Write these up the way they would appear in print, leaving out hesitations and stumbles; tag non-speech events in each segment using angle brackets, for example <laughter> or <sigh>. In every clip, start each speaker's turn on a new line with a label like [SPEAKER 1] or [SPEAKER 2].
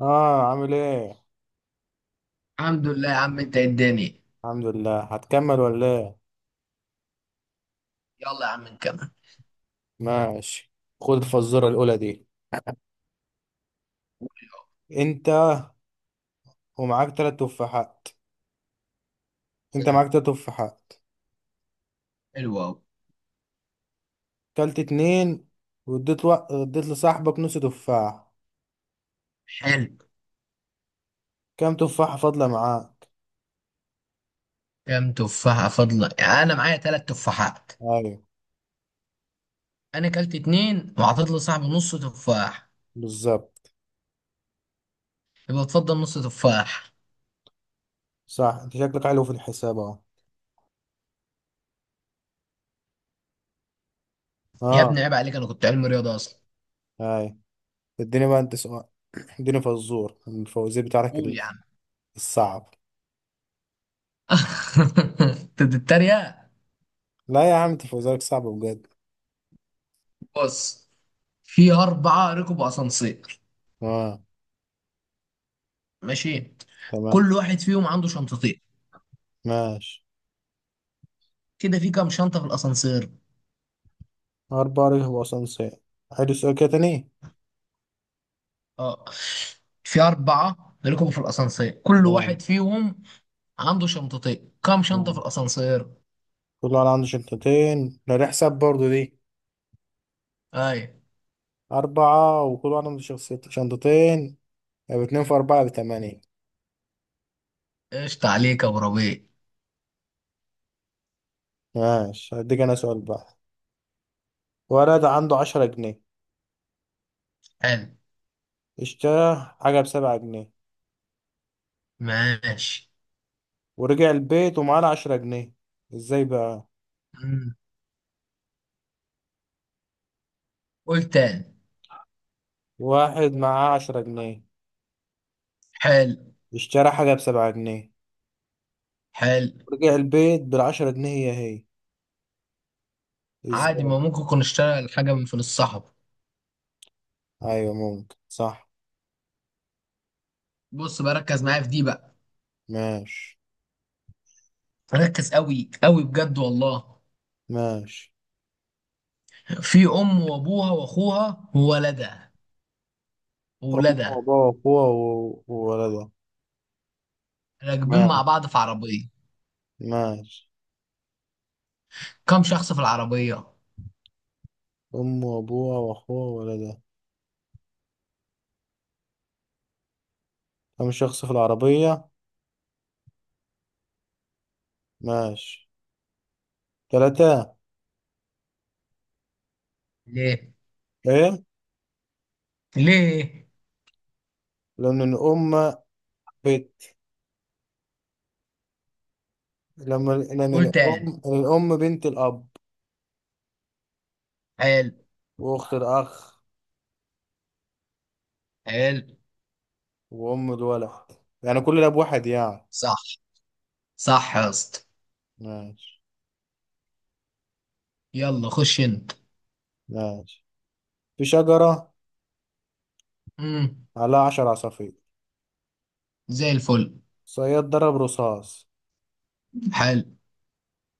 [SPEAKER 1] اه، عامل ايه؟
[SPEAKER 2] الحمد لله يا عم، انت اداني.
[SPEAKER 1] الحمد لله. هتكمل ولا ايه؟
[SPEAKER 2] يلا يا عم نكمل.
[SPEAKER 1] ماشي. خد الفزوره الاولى دي. انت ومعاك تلات تفاحات. انت
[SPEAKER 2] مم.
[SPEAKER 1] معاك تلات تفاحات.
[SPEAKER 2] حلو أوي.
[SPEAKER 1] كلت اتنين، واديت اديت لصاحبك نص تفاح.
[SPEAKER 2] حلو.
[SPEAKER 1] كام تفاحه فاضله معاك؟
[SPEAKER 2] كام تفاحة فاضلة يعني أنا معايا تلات تفاحات؟
[SPEAKER 1] ايوه،
[SPEAKER 2] أنا كلت اتنين وعطيت لصاحبي نص تفاح.
[SPEAKER 1] بالظبط.
[SPEAKER 2] يبقى اتفضل نص تفاح.
[SPEAKER 1] صح، انت شكلك حلو في الحساب اهو.
[SPEAKER 2] يا
[SPEAKER 1] اه،
[SPEAKER 2] ابني عيب عليك، أنا كنت علمي رياضة أصلا.
[SPEAKER 1] ايوه. اديني بقى انت سؤال. <clears throat> اديني فزور من الفوازير بتاعك
[SPEAKER 2] قول يا عم.
[SPEAKER 1] الصعب.
[SPEAKER 2] <laughs> أنت بتتريق.
[SPEAKER 1] لا يا عم، انت فوازيرك صعب بجد.
[SPEAKER 2] بص، في أربعة ركبوا أسانسير.
[SPEAKER 1] اه،
[SPEAKER 2] ماشي.
[SPEAKER 1] تمام.
[SPEAKER 2] كل واحد فيهم عنده شنطتين.
[SPEAKER 1] ماشي.
[SPEAKER 2] كده في كام شنطة في الأسانسير؟
[SPEAKER 1] أربع رجل وأسانسير. عيد السؤال كده تاني.
[SPEAKER 2] اه، في أربعة ركبوا في الأسانسير، كل
[SPEAKER 1] نعم.
[SPEAKER 2] واحد فيهم عنده شنطتين. كام شنطة في
[SPEAKER 1] نعم.
[SPEAKER 2] الأسانسير؟
[SPEAKER 1] كل واحد عنده شنطتين، ده دي حساب برضه دي.
[SPEAKER 2] أي.
[SPEAKER 1] أربعة وكل واحد عنده شنطتين. يبقى اتنين في أربعة بتمانية.
[SPEAKER 2] قشطة عليك يا أبو ربيع.
[SPEAKER 1] ماشي، هديك أنا سؤال بقى. ولد عنده عشرة جنيه،
[SPEAKER 2] حلو.
[SPEAKER 1] اشترى حاجة بسبعة جنيه،
[SPEAKER 2] ماشي.
[SPEAKER 1] ورجع البيت ومعاه عشرة جنيه. ازاي بقى؟
[SPEAKER 2] مم. قول تاني.
[SPEAKER 1] واحد معاه عشرة جنيه،
[SPEAKER 2] حلو.
[SPEAKER 1] اشترى حاجة بسبعة جنيه،
[SPEAKER 2] حلو.
[SPEAKER 1] ورجع البيت بالعشرة جنيه هي هي.
[SPEAKER 2] عادي،
[SPEAKER 1] ازاي؟
[SPEAKER 2] ما ممكن يكون اشتغل حاجة من فلوس صاحبه.
[SPEAKER 1] أيوة ممكن، صح.
[SPEAKER 2] بص بقى، ركز معايا في دي بقى.
[SPEAKER 1] ماشي.
[SPEAKER 2] ركز قوي قوي بجد والله.
[SPEAKER 1] ماشي.
[SPEAKER 2] في أم وأبوها وأخوها وولدها
[SPEAKER 1] أمه
[SPEAKER 2] وولدها
[SPEAKER 1] وأبوها وأخوها وولدها.
[SPEAKER 2] راكبين
[SPEAKER 1] ماشي.
[SPEAKER 2] مع بعض في عربية.
[SPEAKER 1] ماشي.
[SPEAKER 2] كام شخص في العربية؟
[SPEAKER 1] أمه وأبوها وأخوها وولدها. كم شخص في العربية؟ ماشي. تلاتة.
[SPEAKER 2] ليه؟
[SPEAKER 1] إيه؟
[SPEAKER 2] ليه؟
[SPEAKER 1] لأن الأم بنت. لأن
[SPEAKER 2] قول تاني.
[SPEAKER 1] الأم بنت الأب،
[SPEAKER 2] حلو.
[SPEAKER 1] وأخت الأخ،
[SPEAKER 2] حلو.
[SPEAKER 1] وأم الولد. يعني كل الأب واحد يعني.
[SPEAKER 2] صح. صح يا اسطى.
[SPEAKER 1] ماشي.
[SPEAKER 2] يلا خش انت.
[SPEAKER 1] ماشي. في شجرة
[SPEAKER 2] امم.
[SPEAKER 1] عليها عشر عصافير.
[SPEAKER 2] زي الفل.
[SPEAKER 1] صياد ضرب رصاص،
[SPEAKER 2] حال.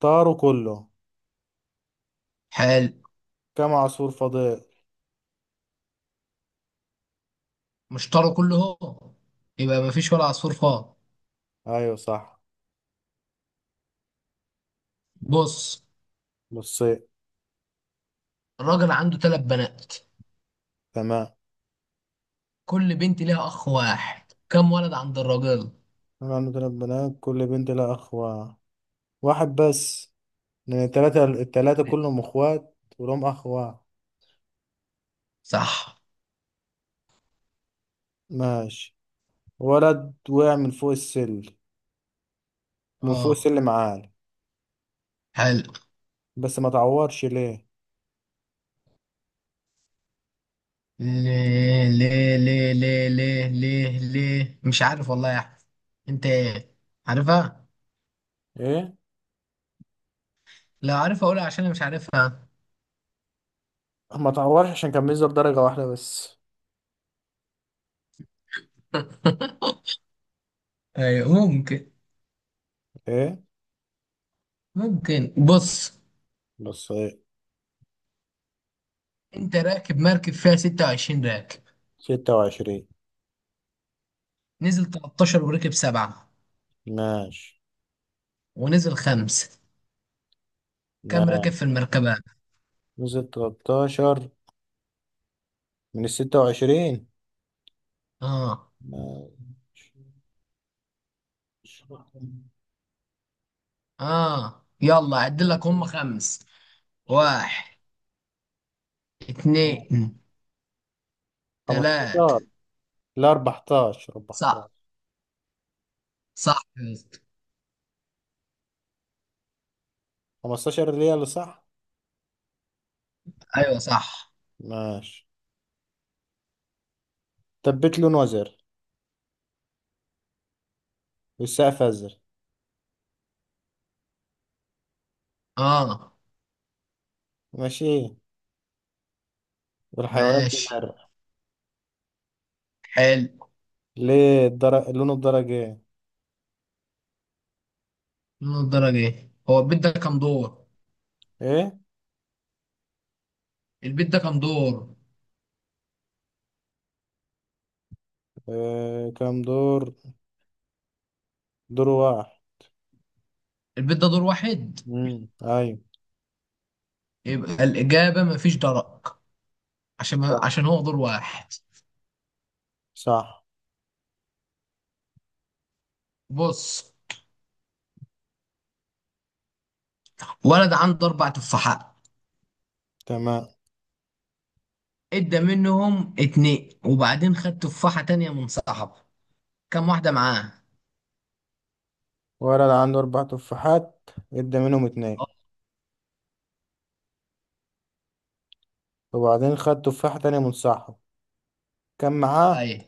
[SPEAKER 1] طاروا كله.
[SPEAKER 2] حال.
[SPEAKER 1] كم عصفور فاضل؟
[SPEAKER 2] مشترى كله هو، يبقى مفيش ولا عصفور فاضي.
[SPEAKER 1] أيوة صح.
[SPEAKER 2] بص،
[SPEAKER 1] بصيت.
[SPEAKER 2] الراجل عنده ثلاث بنات.
[SPEAKER 1] تمام.
[SPEAKER 2] كل بنت ليها اخ واحد، كم ولد عند الراجل؟
[SPEAKER 1] أنا عندي تلات بنات، كل بنت لها أخ واحد بس، لأن التلاتة كلهم أخوات ولهم أخ واحد.
[SPEAKER 2] صح.
[SPEAKER 1] ماشي. ولد وقع من فوق
[SPEAKER 2] اه.
[SPEAKER 1] السلم عالي،
[SPEAKER 2] حلو.
[SPEAKER 1] بس ما تعورش. ليه؟
[SPEAKER 2] ليه ليه ليه ليه ليه ليه ليه مش عارف والله يا احمد. انت ايه؟ عارفها؟
[SPEAKER 1] إيه.
[SPEAKER 2] لا عارفها، اقولها عشان انا مش عارفها.
[SPEAKER 1] ما تعورش عشان كان بينزل درجة واحدة بس.
[SPEAKER 2] <laughs> ايوه ممكن.
[SPEAKER 1] إيه.
[SPEAKER 2] ممكن. بص،
[SPEAKER 1] بس إيه.
[SPEAKER 2] انت راكب مركب فيها 26 راكب.
[SPEAKER 1] ستة وعشرين.
[SPEAKER 2] نزل 13 وركب سبعة،
[SPEAKER 1] ماشي.
[SPEAKER 2] ونزل خمسة. كم راكب
[SPEAKER 1] ماشي.
[SPEAKER 2] في المركبة؟
[SPEAKER 1] نزل تلاتاشر من الستة وعشرين.
[SPEAKER 2] اه.
[SPEAKER 1] ماشي.
[SPEAKER 2] اه، يلا عد لك هم خمس. واحد، اتنين، تلاتة.
[SPEAKER 1] خمستاشر، لا 14. 14.
[SPEAKER 2] صح. صح يا اسطى.
[SPEAKER 1] 15 ريال، صح.
[SPEAKER 2] ايوه صح.
[SPEAKER 1] ماشي. تبت لون وزر، والسقف ازرق.
[SPEAKER 2] اه.
[SPEAKER 1] ماشي. والحيوانات
[SPEAKER 2] ماشي.
[SPEAKER 1] بتزرق.
[SPEAKER 2] حلو.
[SPEAKER 1] ليه الدرج لونه؟ الدرج ايه؟
[SPEAKER 2] من الدرجة ايه؟ هو البيت ده كام دور؟
[SPEAKER 1] ايه؟
[SPEAKER 2] البيت ده كام دور؟
[SPEAKER 1] كام دور؟ دور واحد.
[SPEAKER 2] البيت ده دور واحد.
[SPEAKER 1] ايوه.
[SPEAKER 2] يبقى الإجابة مفيش درج، عشان
[SPEAKER 1] صح.
[SPEAKER 2] عشان هو دور واحد.
[SPEAKER 1] صح.
[SPEAKER 2] بص، ولد عنده أربع تفاحات.
[SPEAKER 1] تمام.
[SPEAKER 2] ادى منهم اتنين وبعدين خد تفاحة تانية من صاحبه. كم واحدة معاه؟
[SPEAKER 1] ولد عنده اربع تفاحات، ادى منهم اتنين،
[SPEAKER 2] اه.
[SPEAKER 1] وبعدين خد تفاحة تانية من صاحبه. كان معاه؟
[SPEAKER 2] أيوة.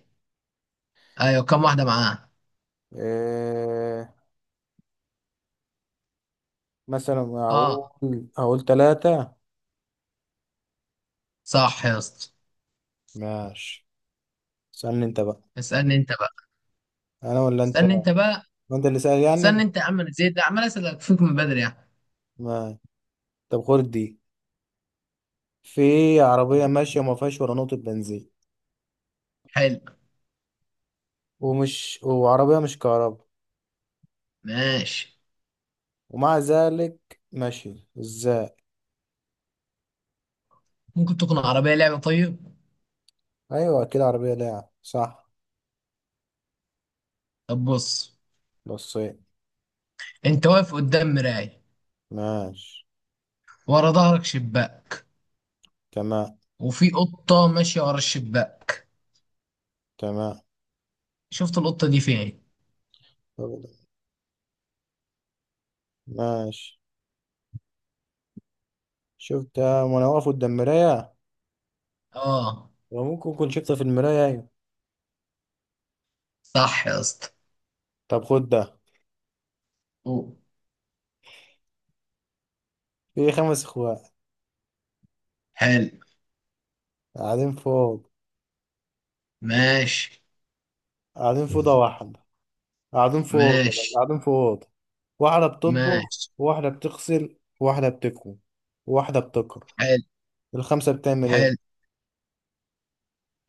[SPEAKER 2] أيوة كم واحدة معاه؟
[SPEAKER 1] إيه... مثلا
[SPEAKER 2] اه.
[SPEAKER 1] هقول تلاتة.
[SPEAKER 2] صح يا اسطى.
[SPEAKER 1] ماشي. استنى انت بقى.
[SPEAKER 2] اسألني أنت بقى.
[SPEAKER 1] انا ولا انت؟
[SPEAKER 2] اسألني أنت بقى.
[SPEAKER 1] ما انت اللي سأل
[SPEAKER 2] استنى
[SPEAKER 1] يعني.
[SPEAKER 2] انت يا عم، أنا زيد ده عمال اسالك فيك من بدري يعني.
[SPEAKER 1] ما طب خد دي. في عربية
[SPEAKER 2] اوه.
[SPEAKER 1] ماشية وما فيهاش ولا نقطة بنزين،
[SPEAKER 2] حلو.
[SPEAKER 1] ومش وعربية مش كهرباء،
[SPEAKER 2] ماشي.
[SPEAKER 1] ومع ذلك ماشي، ازاي؟
[SPEAKER 2] ممكن تكون عربيه لعبه. طيب،
[SPEAKER 1] ايوه، اكيد عربية لاعب، صح.
[SPEAKER 2] طب بص.
[SPEAKER 1] بصين.
[SPEAKER 2] انت واقف قدام مرايه،
[SPEAKER 1] ماشي.
[SPEAKER 2] ورا ظهرك شباك،
[SPEAKER 1] تمام.
[SPEAKER 2] وفي قطه ماشيه ورا الشباك.
[SPEAKER 1] تمام.
[SPEAKER 2] شفت القطه دي فين؟
[SPEAKER 1] طب- ماشي. شفتها وانا واقف قدام مراية،
[SPEAKER 2] اه.
[SPEAKER 1] وممكن كنت شفتها في المراية. ايوه.
[SPEAKER 2] صح يا اسطى.
[SPEAKER 1] طب خد ده.
[SPEAKER 2] أوه.
[SPEAKER 1] في خمس اخوات
[SPEAKER 2] حلو.
[SPEAKER 1] قاعدين فوق،
[SPEAKER 2] ماشي
[SPEAKER 1] قاعدين في اوضة واحدة، قاعدين في أوضة
[SPEAKER 2] ماشي
[SPEAKER 1] قاعدين في أوضة واحدة بتطبخ،
[SPEAKER 2] ماشي.
[SPEAKER 1] واحدة بتغسل، واحدة بتكوي، واحدة بتقرا.
[SPEAKER 2] حلو.
[SPEAKER 1] الخمسة بتعمل ايه؟
[SPEAKER 2] حلو.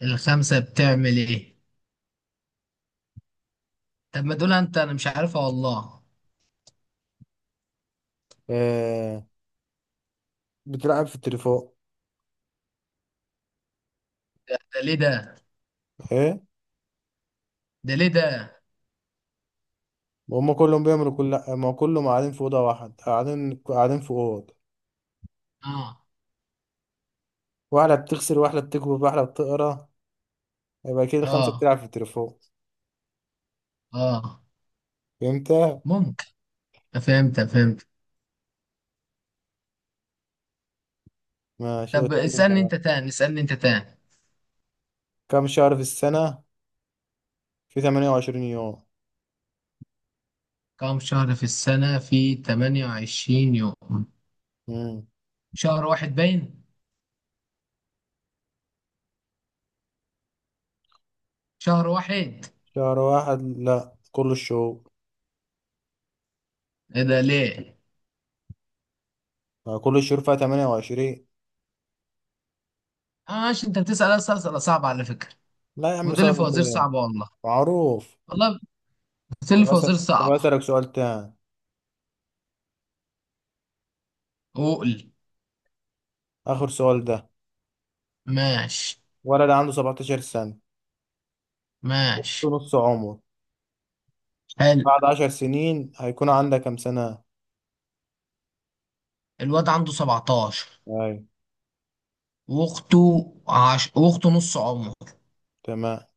[SPEAKER 2] الخمسة بتعمل ايه؟ طب ما دول انت، انا مش عارفها والله.
[SPEAKER 1] آه بتلعب في التليفون.
[SPEAKER 2] ده ليه ده؟
[SPEAKER 1] ايه؟
[SPEAKER 2] ده ليه ده؟
[SPEAKER 1] هما كلهم بيعملوا كل ما كلهم قاعدين في أوضة واحدة، قاعدين في أوضة،
[SPEAKER 2] اه
[SPEAKER 1] واحدة بتغسل، واحدة بتكوي، واحدة بتقرا، يبقى كده الخمسة
[SPEAKER 2] اه
[SPEAKER 1] بتلعب في التليفون.
[SPEAKER 2] اه.
[SPEAKER 1] فهمت؟
[SPEAKER 2] ممكن. فهمت فهمت.
[SPEAKER 1] ماشي.
[SPEAKER 2] طب
[SPEAKER 1] استنى انت
[SPEAKER 2] اسألني
[SPEAKER 1] بقى.
[SPEAKER 2] انت تاني. اسألني انت تاني.
[SPEAKER 1] كم شهر في السنة في 28 يوم؟
[SPEAKER 2] كم شهر في السنة في 28 يوم؟
[SPEAKER 1] مم.
[SPEAKER 2] شهر واحد باين؟ شهر واحد؟
[SPEAKER 1] شهر واحد لا، كل الشهور.
[SPEAKER 2] ايه ده ليه؟
[SPEAKER 1] آه، كل الشهور فيها 28.
[SPEAKER 2] اه ماشي، انت بتسأل اسئلة صعبة على فكرة.
[SPEAKER 1] لا يا عم،
[SPEAKER 2] ودول
[SPEAKER 1] صعب
[SPEAKER 2] فوازير
[SPEAKER 1] كده،
[SPEAKER 2] صعبة والله.
[SPEAKER 1] معروف.
[SPEAKER 2] والله. سل
[SPEAKER 1] طب
[SPEAKER 2] فوازير
[SPEAKER 1] أسأل، طب
[SPEAKER 2] صعبة.
[SPEAKER 1] أسألك سؤال تاني،
[SPEAKER 2] عقل.
[SPEAKER 1] آخر سؤال ده.
[SPEAKER 2] ماشي.
[SPEAKER 1] ولد عنده 17 سنة، في
[SPEAKER 2] ماشي.
[SPEAKER 1] نص عمره،
[SPEAKER 2] حلو.
[SPEAKER 1] بعد 10 سنين هيكون عندها كام سنة؟
[SPEAKER 2] الواد عنده 17.
[SPEAKER 1] أيوة.
[SPEAKER 2] واخته واخته نص عمره.
[SPEAKER 1] تمام.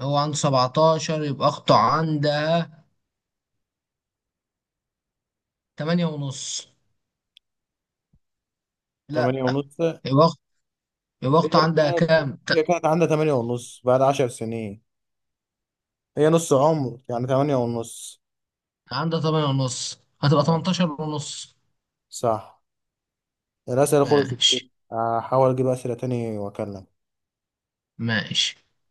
[SPEAKER 2] هو عنده 17، يبقى اخته عندها 8 ونص.
[SPEAKER 1] 8
[SPEAKER 2] لا.
[SPEAKER 1] ونص.
[SPEAKER 2] يبقى اخته يبقى
[SPEAKER 1] هي
[SPEAKER 2] اخته عندها
[SPEAKER 1] كانت
[SPEAKER 2] كام؟
[SPEAKER 1] هي كانت عندها 8 ونص بعد 10 سنين. هي نص عمر، يعني 8 ونص.
[SPEAKER 2] عندها 8 ونص، هتبقى
[SPEAKER 1] أيوة.
[SPEAKER 2] 18 ونص.
[SPEAKER 1] صح. الأسئلة خلصت كده.
[SPEAKER 2] ماشي.
[SPEAKER 1] هحاول أجيب أسئلة تاني وأكلم.
[SPEAKER 2] ماشي.